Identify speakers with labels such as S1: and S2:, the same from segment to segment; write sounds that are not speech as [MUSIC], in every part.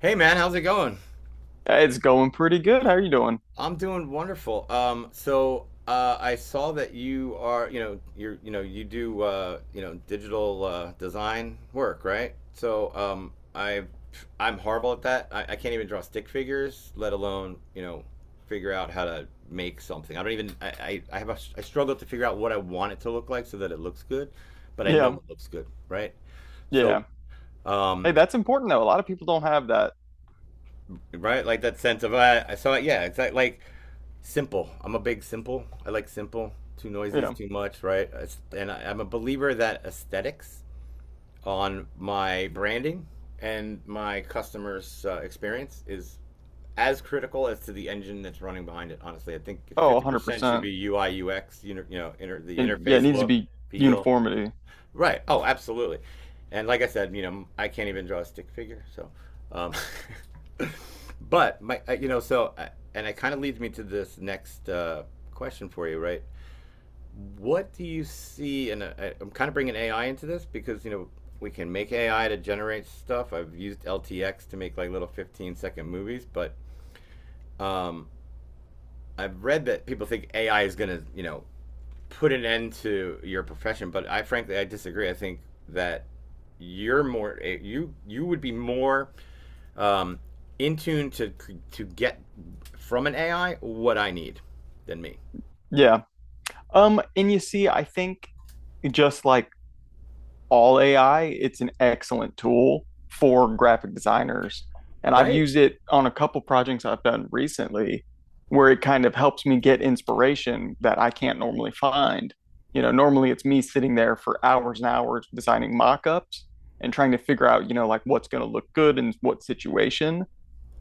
S1: Hey man, how's it going?
S2: It's going pretty good. How are you doing?
S1: I'm doing wonderful. I saw that you are, you're, you do, digital design work, right? I'm horrible at that. I can't even draw stick figures, let alone, you know, figure out how to make something. I don't even. I have I struggle to figure out what I want it to look like so that it looks good, but I know
S2: Yeah.
S1: it looks good, right? So,
S2: Yeah. Hey,
S1: um,
S2: that's important though. A lot of people don't have that.
S1: right, like that sense of I saw it. Yeah, exactly. Like simple. I'm a big simple. I like simple. Too noisy is
S2: Yeah.
S1: too much, right? I'm a believer that aesthetics on my branding and my customers' experience is as critical as to the engine that's running behind it. Honestly, I think
S2: Oh,
S1: 50% should
S2: 100%.
S1: be UI UX. The
S2: And yeah, it
S1: interface
S2: needs to
S1: look,
S2: be
S1: feel.
S2: uniformity.
S1: Right. Oh, absolutely. And like I said, you know, I can't even draw a stick figure. Um, [LAUGHS] but my, you know, so, And it kind of leads me to this next question for you, right? What do you see? And I'm kind of bringing AI into this because, you know, we can make AI to generate stuff. I've used LTX to make like little 15-second movies, but um, I've read that people think AI is going to, you know, put an end to your profession, but I frankly I disagree. I think that you're more eh, you would be more um, in tune to get from an AI what I need than me.
S2: Yeah. And you see, I think just like all AI, it's an excellent tool for graphic designers. And I've
S1: Right.
S2: used it on a couple projects I've done recently where it kind of helps me get inspiration that I can't normally find. You know, normally it's me sitting there for hours and hours designing mock-ups and trying to figure out, you know, like what's going to look good in what situation.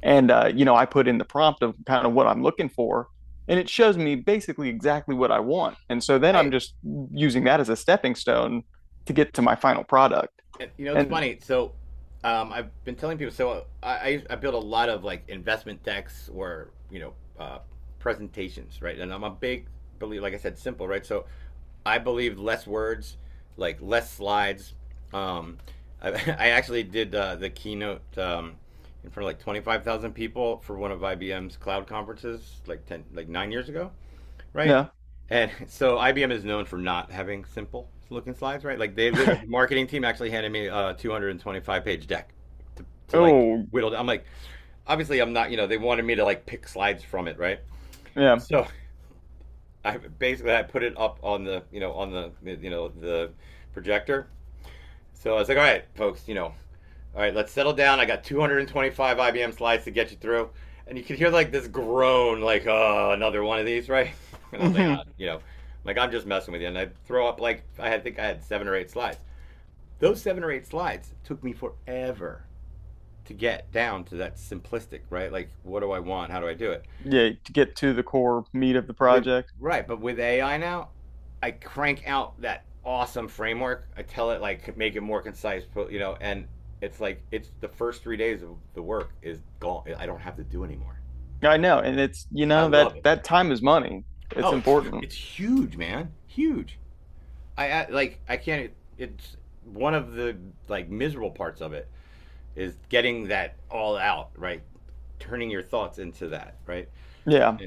S2: And you know, I put in the prompt of kind of what I'm looking for, and it shows me basically exactly what I want. And so then I'm
S1: Right.
S2: just using that as a stepping stone to get to my final product.
S1: You know, it's
S2: And
S1: funny. I've been telling people. I build a lot of like investment decks or uh, presentations, right? And I'm a like I said, simple, right? So, I believe less words, like less slides. Um, [LAUGHS] I actually did the keynote in front of like 25,000 people for one of IBM's cloud conferences, like 9 years ago. Right.
S2: no,
S1: And [LAUGHS] so IBM is known for not having simple looking slides, right? Like they literally, the marketing team actually handed me a 225-page deck to
S2: oh
S1: whittle. I'm like, obviously I'm not, you know, they wanted me to like pick slides from it, right?
S2: yeah,
S1: So [LAUGHS] I basically I put it up on the projector. So I was like, all right, folks, you know, all right, let's settle down. I got 225 IBM slides to get you through. And you could hear like this groan, like, oh, another one of these, right? [LAUGHS] And I was like, ah,
S2: hmm
S1: you know, like I'm just messing with you. And I throw up like, I think I had seven or eight slides. Those seven or eight slides took me forever to get down to that simplistic, right? Like, what do I want? How do I do it?
S2: yeah, to get to the core meat of the
S1: with
S2: project.
S1: right, but with AI now, I crank out that awesome framework. I tell it like make it more concise, you know, and it's the first 3 days of the work is gone. I don't have to do anymore.
S2: I know, and it's you
S1: I
S2: know that
S1: love it.
S2: that time is money. It's
S1: Oh, it's
S2: important.
S1: it's huge, man, huge. I like I can't. It's One of the like miserable parts of it is getting that all out right, turning your thoughts into that right.
S2: Yeah,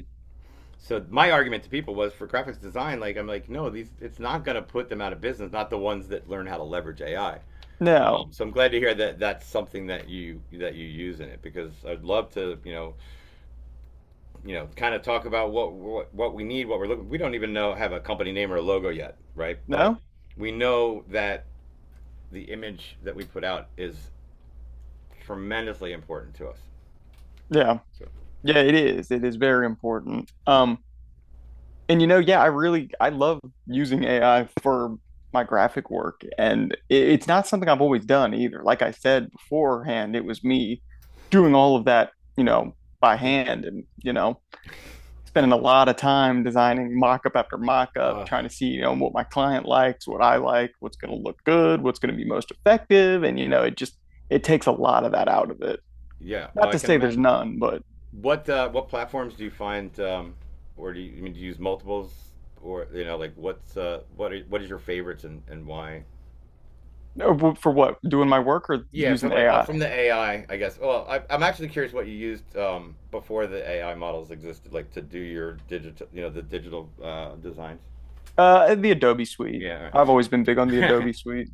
S1: So my argument to people was for graphics design, like I'm like, no, these it's not going to put them out of business. Not the ones that learn how to leverage AI.
S2: no,
S1: So I'm glad to hear that that's something that you use in it because I'd love to you know kind of talk about what we need, what we're looking. We don't even know have a company name or a logo yet, right? But
S2: no,
S1: we know that the image that we put out is tremendously important to us.
S2: yeah,
S1: So,
S2: yeah. It is. It is very important. And you know, yeah, I really I love using AI for my graphic work, and it's not something I've always done either. Like I said beforehand, it was me doing all of that, you know, by hand, and you know, spending a lot of time designing mock-up after mock-up,
S1: uh,
S2: trying to see, you know, what my client likes, what I like, what's going to look good, what's going to be most effective, and you know, it just it takes a lot of that out of it.
S1: yeah,
S2: Not
S1: I
S2: to
S1: can
S2: say there's
S1: imagine.
S2: none, but
S1: What platforms do you find, I mean do you use multiples, or you know like what is your favorites and why?
S2: for what, doing my work or
S1: Yeah, for
S2: using
S1: like
S2: AI?
S1: from the AI, I guess. Well, I'm actually curious what you used before the AI models existed, like to do your digital, you know, the digital designs.
S2: The Adobe Suite.
S1: Yeah,
S2: I've always been big on the
S1: all right.
S2: Adobe Suite.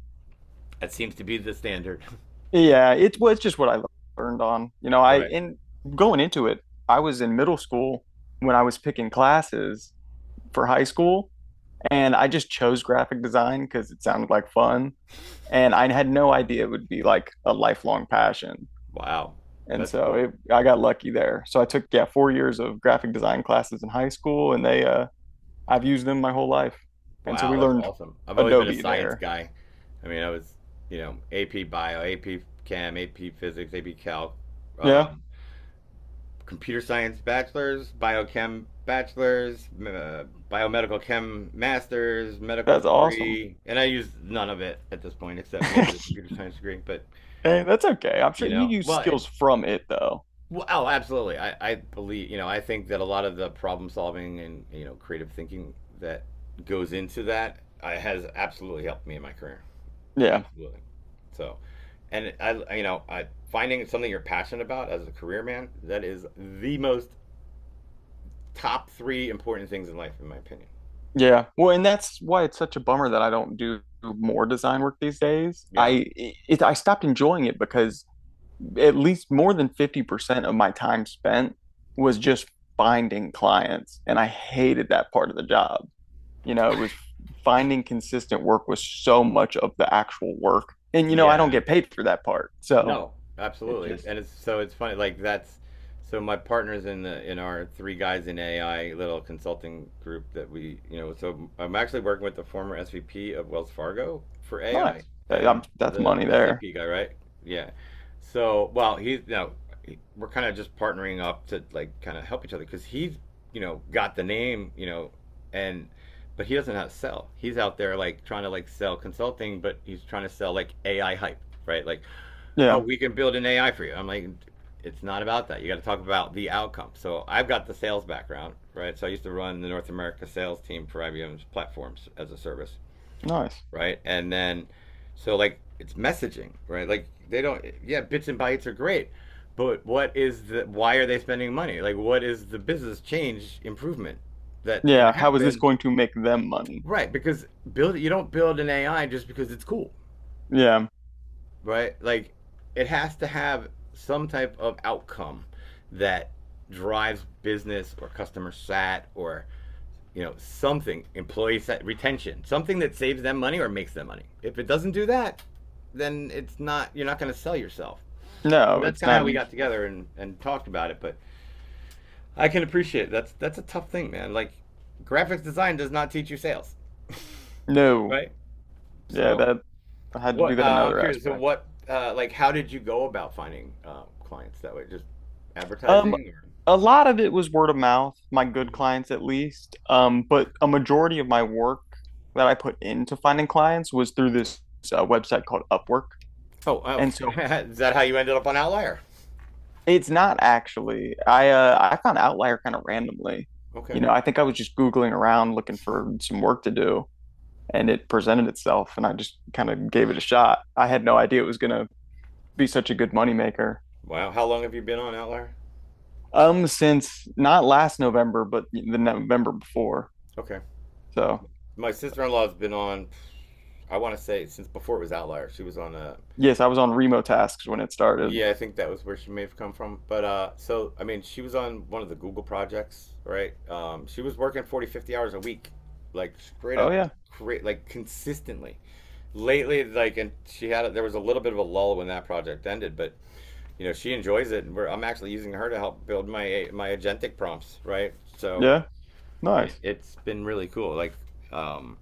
S1: [LAUGHS] That seems to be the standard. [LAUGHS]
S2: Yeah, it was just what I learned on. You know, I
S1: Right.
S2: in going into it, I was in middle school when I was picking classes for high school, and I just chose graphic design because it sounded like fun, and I had no idea it would be like a lifelong passion.
S1: Wow,
S2: And
S1: that's
S2: so
S1: cool.
S2: I got lucky there. So I took yeah 4 years of graphic design classes in high school, and they I've used them my whole life, and so we
S1: Wow, that's
S2: learned
S1: awesome. I've always been a
S2: Adobe
S1: science
S2: there.
S1: guy. I mean, I was, you know, AP Bio, AP Chem, AP Physics, AP Calc,
S2: Yeah,
S1: um, Computer Science Bachelor's, Biochem Bachelor's, Biomedical Chem Master's, medical
S2: that's awesome.
S1: degree, and I use none of it at this point except maybe the
S2: [LAUGHS]
S1: computer science degree. But
S2: Hey, that's okay. I'm sure
S1: you
S2: you
S1: know,
S2: use
S1: well, it,
S2: skills from it though.
S1: well, oh, Absolutely. I believe, you know, I think that a lot of the problem solving and you know creative thinking that goes into that has absolutely helped me in my career.
S2: Yeah.
S1: Absolutely. So, and I, you know, I, Finding something you're passionate about as a career man, that is the most top three important things in life, in my opinion.
S2: Yeah. Well, and that's why it's such a bummer that I don't do more design work these days.
S1: Yeah.
S2: I stopped enjoying it because at least more than 50% of my time spent was just finding clients and I hated that part of the job. You know, it was finding consistent work was so much of the actual work. And you know, I don't
S1: Yeah,
S2: get paid for that part. So,
S1: no,
S2: it
S1: absolutely.
S2: just
S1: And it's it's funny like that's so my partners in the in our three guys in AI little consulting group that we, you know, so I'm actually working with the former SVP of Wells Fargo for AI
S2: nice.
S1: and
S2: That's
S1: the
S2: money there.
S1: SAP guy, right? Yeah. So, well, he's you know, he- we're kind of just partnering up to like kind of help each other because he's, you know, got the name, you know, and but he doesn't know how to sell. He's out there like trying to like sell consulting, but he's trying to sell like AI hype, right? Like oh,
S2: Yeah.
S1: we can build an AI for you. I'm like, it's not about that. You got to talk about the outcome. So I've got the sales background, right? So I used to run the North America sales team for IBM's platforms as a service,
S2: Nice.
S1: right? So like, it's messaging, right? Like, they don't, yeah, bits and bytes are great. But what is the, why are they spending money? Like, what is the business change improvement that's going to
S2: Yeah, how is this
S1: happen?
S2: going to make them money?
S1: Right. Because you don't build an AI just because it's cool.
S2: Yeah,
S1: Right? Like it has to have some type of outcome that drives business or customer sat or you know something employee sat, retention something that saves them money or makes them money. If it doesn't do that then it's not you're not going to sell yourself. So
S2: no,
S1: that's
S2: it's
S1: kind of how
S2: not
S1: we got
S2: useful.
S1: together and talked about it. But I can appreciate it. That's a tough thing man. Like graphics design does not teach you sales,
S2: No,
S1: right?
S2: yeah,
S1: So
S2: that I had to do
S1: what
S2: that in
S1: I'm
S2: other
S1: curious. So,
S2: aspects.
S1: what like how did you go about finding clients that way? Just
S2: Um,
S1: advertising? Or...
S2: a lot of it was word of mouth, my good
S1: Mhm.
S2: clients at least. But a majority of my work that I put into finding clients was through this website called Upwork.
S1: Oh,
S2: And so
S1: okay. [LAUGHS] Is that how you ended up on Outlier?
S2: it's not actually, I found Outlier kind of randomly.
S1: Okay.
S2: You know, I think I was just Googling around looking for some work to do, and it presented itself and I just kind of gave it a shot. I had no idea it was going to be such a good moneymaker.
S1: Wow. How long have you been on Outlier?
S2: Since not last November, but the November before.
S1: Okay.
S2: So
S1: My sister-in-law's been on. I want to say since before it was Outlier. She was on a...
S2: yes, I was on Remo tasks when it started.
S1: Yeah, I think that was where she may have come from. But I mean, she was on one of the Google projects, right? She was working 40, 50 hours a week, like straight
S2: Oh
S1: up,
S2: yeah.
S1: cra like consistently. Lately, like, and she had there was a little bit of a lull when that project ended, but you know, she enjoys it, and I'm actually using her to help build my agentic prompts, right? So
S2: Yeah. Nice.
S1: it's been really cool. Like um,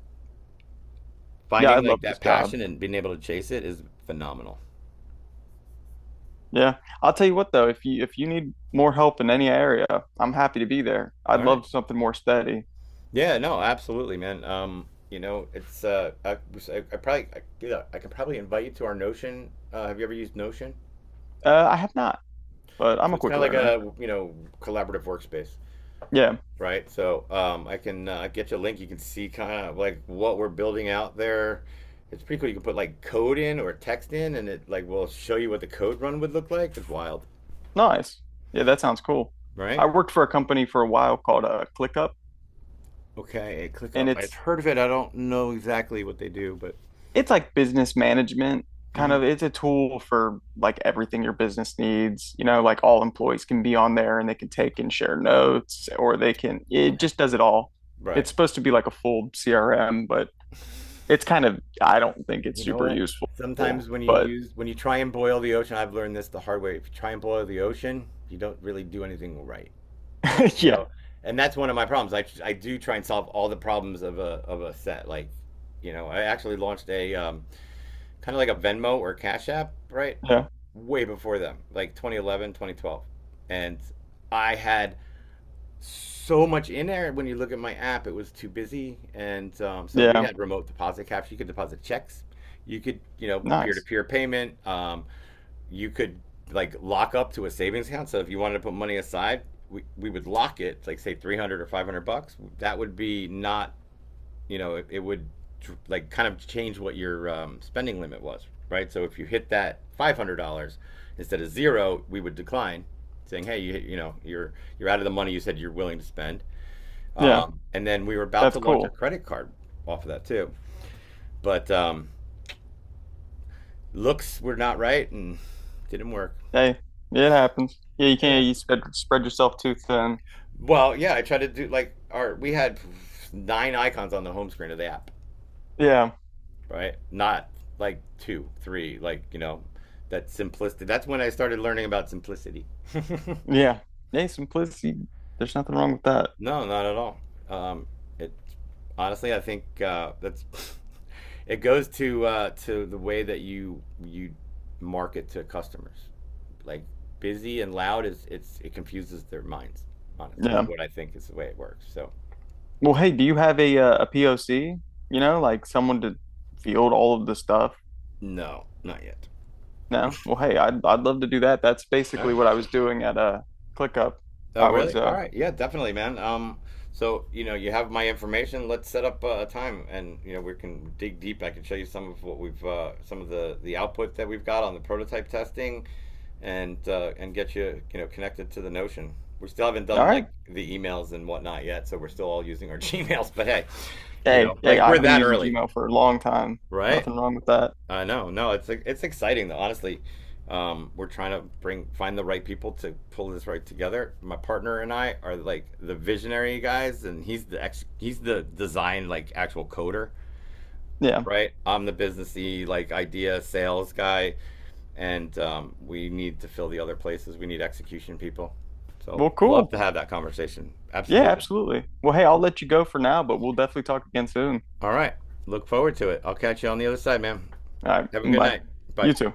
S2: Yeah. I
S1: finding like
S2: love this
S1: that
S2: job.
S1: passion and being able to chase it is phenomenal.
S2: Yeah. I'll tell you what though, if you need more help in any area, I'm happy to be there. I'd
S1: All right.
S2: love something more steady.
S1: Yeah, no, absolutely, man. You know, it's I probably, I, Yeah, I could probably invite you to our Notion. Have you ever used Notion?
S2: I have not, but I'm
S1: So
S2: a
S1: it's kind
S2: quick
S1: of like
S2: learner.
S1: a, you know, collaborative workspace,
S2: Yeah.
S1: right? I can get you a link. You can see kind of like what we're building out there. It's pretty cool. You can put like code in or text in, and it like will show you what the code run would look like. It's wild,
S2: Nice. Yeah. That sounds cool. I
S1: right?
S2: worked for a company for a while called ClickUp,
S1: Okay,
S2: and
S1: ClickUp. I've
S2: it's
S1: heard of it. I don't know exactly what they do, but.
S2: it's like business management kind
S1: Hmm.
S2: of. It's a tool for like everything your business needs, you know, like all employees can be on there and they can take and share notes, or they can, it
S1: Okay.
S2: just does it all.
S1: Right.
S2: It's supposed to be like a full CRM, but it's kind of, I don't think it's
S1: You know
S2: super
S1: what?
S2: useful.
S1: Sometimes when you
S2: But
S1: use when you try and boil the ocean, I've learned this the hard way. If you try and boil the ocean, you don't really do anything right, right?
S2: [LAUGHS]
S1: You
S2: yeah,
S1: know, and that's one of my problems. I do try and solve all the problems of a set. Like, you know, I actually launched a kind of like a Venmo or Cash App, right?
S2: yeah,
S1: Way before them, like 2011, 2012, and I had so much in there. When you look at my app, it was too busy, and so we
S2: yeah,
S1: had remote deposit caps. You could deposit checks, you could, you know,
S2: nice,
S1: peer-to-peer payment. You could like lock up to a savings account. So if you wanted to put money aside, we would lock it, like say 300 or 500 bucks. That would be not, you know, it would like kind of change what your spending limit was, right? So if you hit that $500 instead of zero, we would decline saying, "Hey, you know, you're out of the money you said you're willing to spend."
S2: yeah,
S1: And then we were about
S2: that's
S1: to launch a
S2: cool.
S1: credit card off of that too, but looks were not right and didn't work.
S2: Hey, it happens. Yeah, you can't,
S1: Didn't
S2: you spread yourself too thin.
S1: Well, Yeah, I tried to do like our we had nine icons on the home screen of the app,
S2: Yeah,
S1: right? Not like two, three, like you know, that simplicity. That's when I started learning about simplicity. [LAUGHS]
S2: yeah, hey simplicity, there's nothing wrong with that.
S1: No, not at all. Um, it Honestly, I think that's [LAUGHS] it goes to the way that you market to customers. Like busy and loud is it confuses their minds. Honest is
S2: Yeah.
S1: what I think is the way it works. So
S2: Well, hey, do you have a POC? You know, like someone to field all of the stuff?
S1: no, not yet.
S2: No? Well, hey, I'd love to do that. That's
S1: All
S2: basically
S1: right.
S2: what I was doing at ClickUp.
S1: Oh,
S2: I
S1: really?
S2: was
S1: All right. Yeah, definitely, man. You know, you have my information. Let's set up a time and, you know, we can dig deep. I can show you some of what we've some of the output that we've got on the prototype testing and get you, you know, connected to the Notion. We still haven't
S2: All
S1: done
S2: right.
S1: like the emails and whatnot yet, so we're still all using our [LAUGHS] Gmails, but hey, you
S2: Hey,
S1: know,
S2: hey,
S1: like we're
S2: I've been
S1: that
S2: using
S1: early,
S2: Gmail for a long time.
S1: right?
S2: Nothing wrong with that.
S1: I Know. No, it's exciting though. Honestly, we're trying to bring find the right people to pull this right together. My partner and I are like the visionary guys, and he's the design like actual coder,
S2: Yeah.
S1: right? I'm the businessy like idea sales guy, and we need to fill the other places. We need execution people. So
S2: Well,
S1: love
S2: cool.
S1: to have that conversation.
S2: Yeah,
S1: Absolutely.
S2: absolutely. Well, hey, I'll let you go for now, but we'll definitely talk again soon.
S1: All right. Look forward to it. I'll catch you on the other side, man.
S2: All right.
S1: Have a good
S2: Bye.
S1: night. Bye.
S2: You too.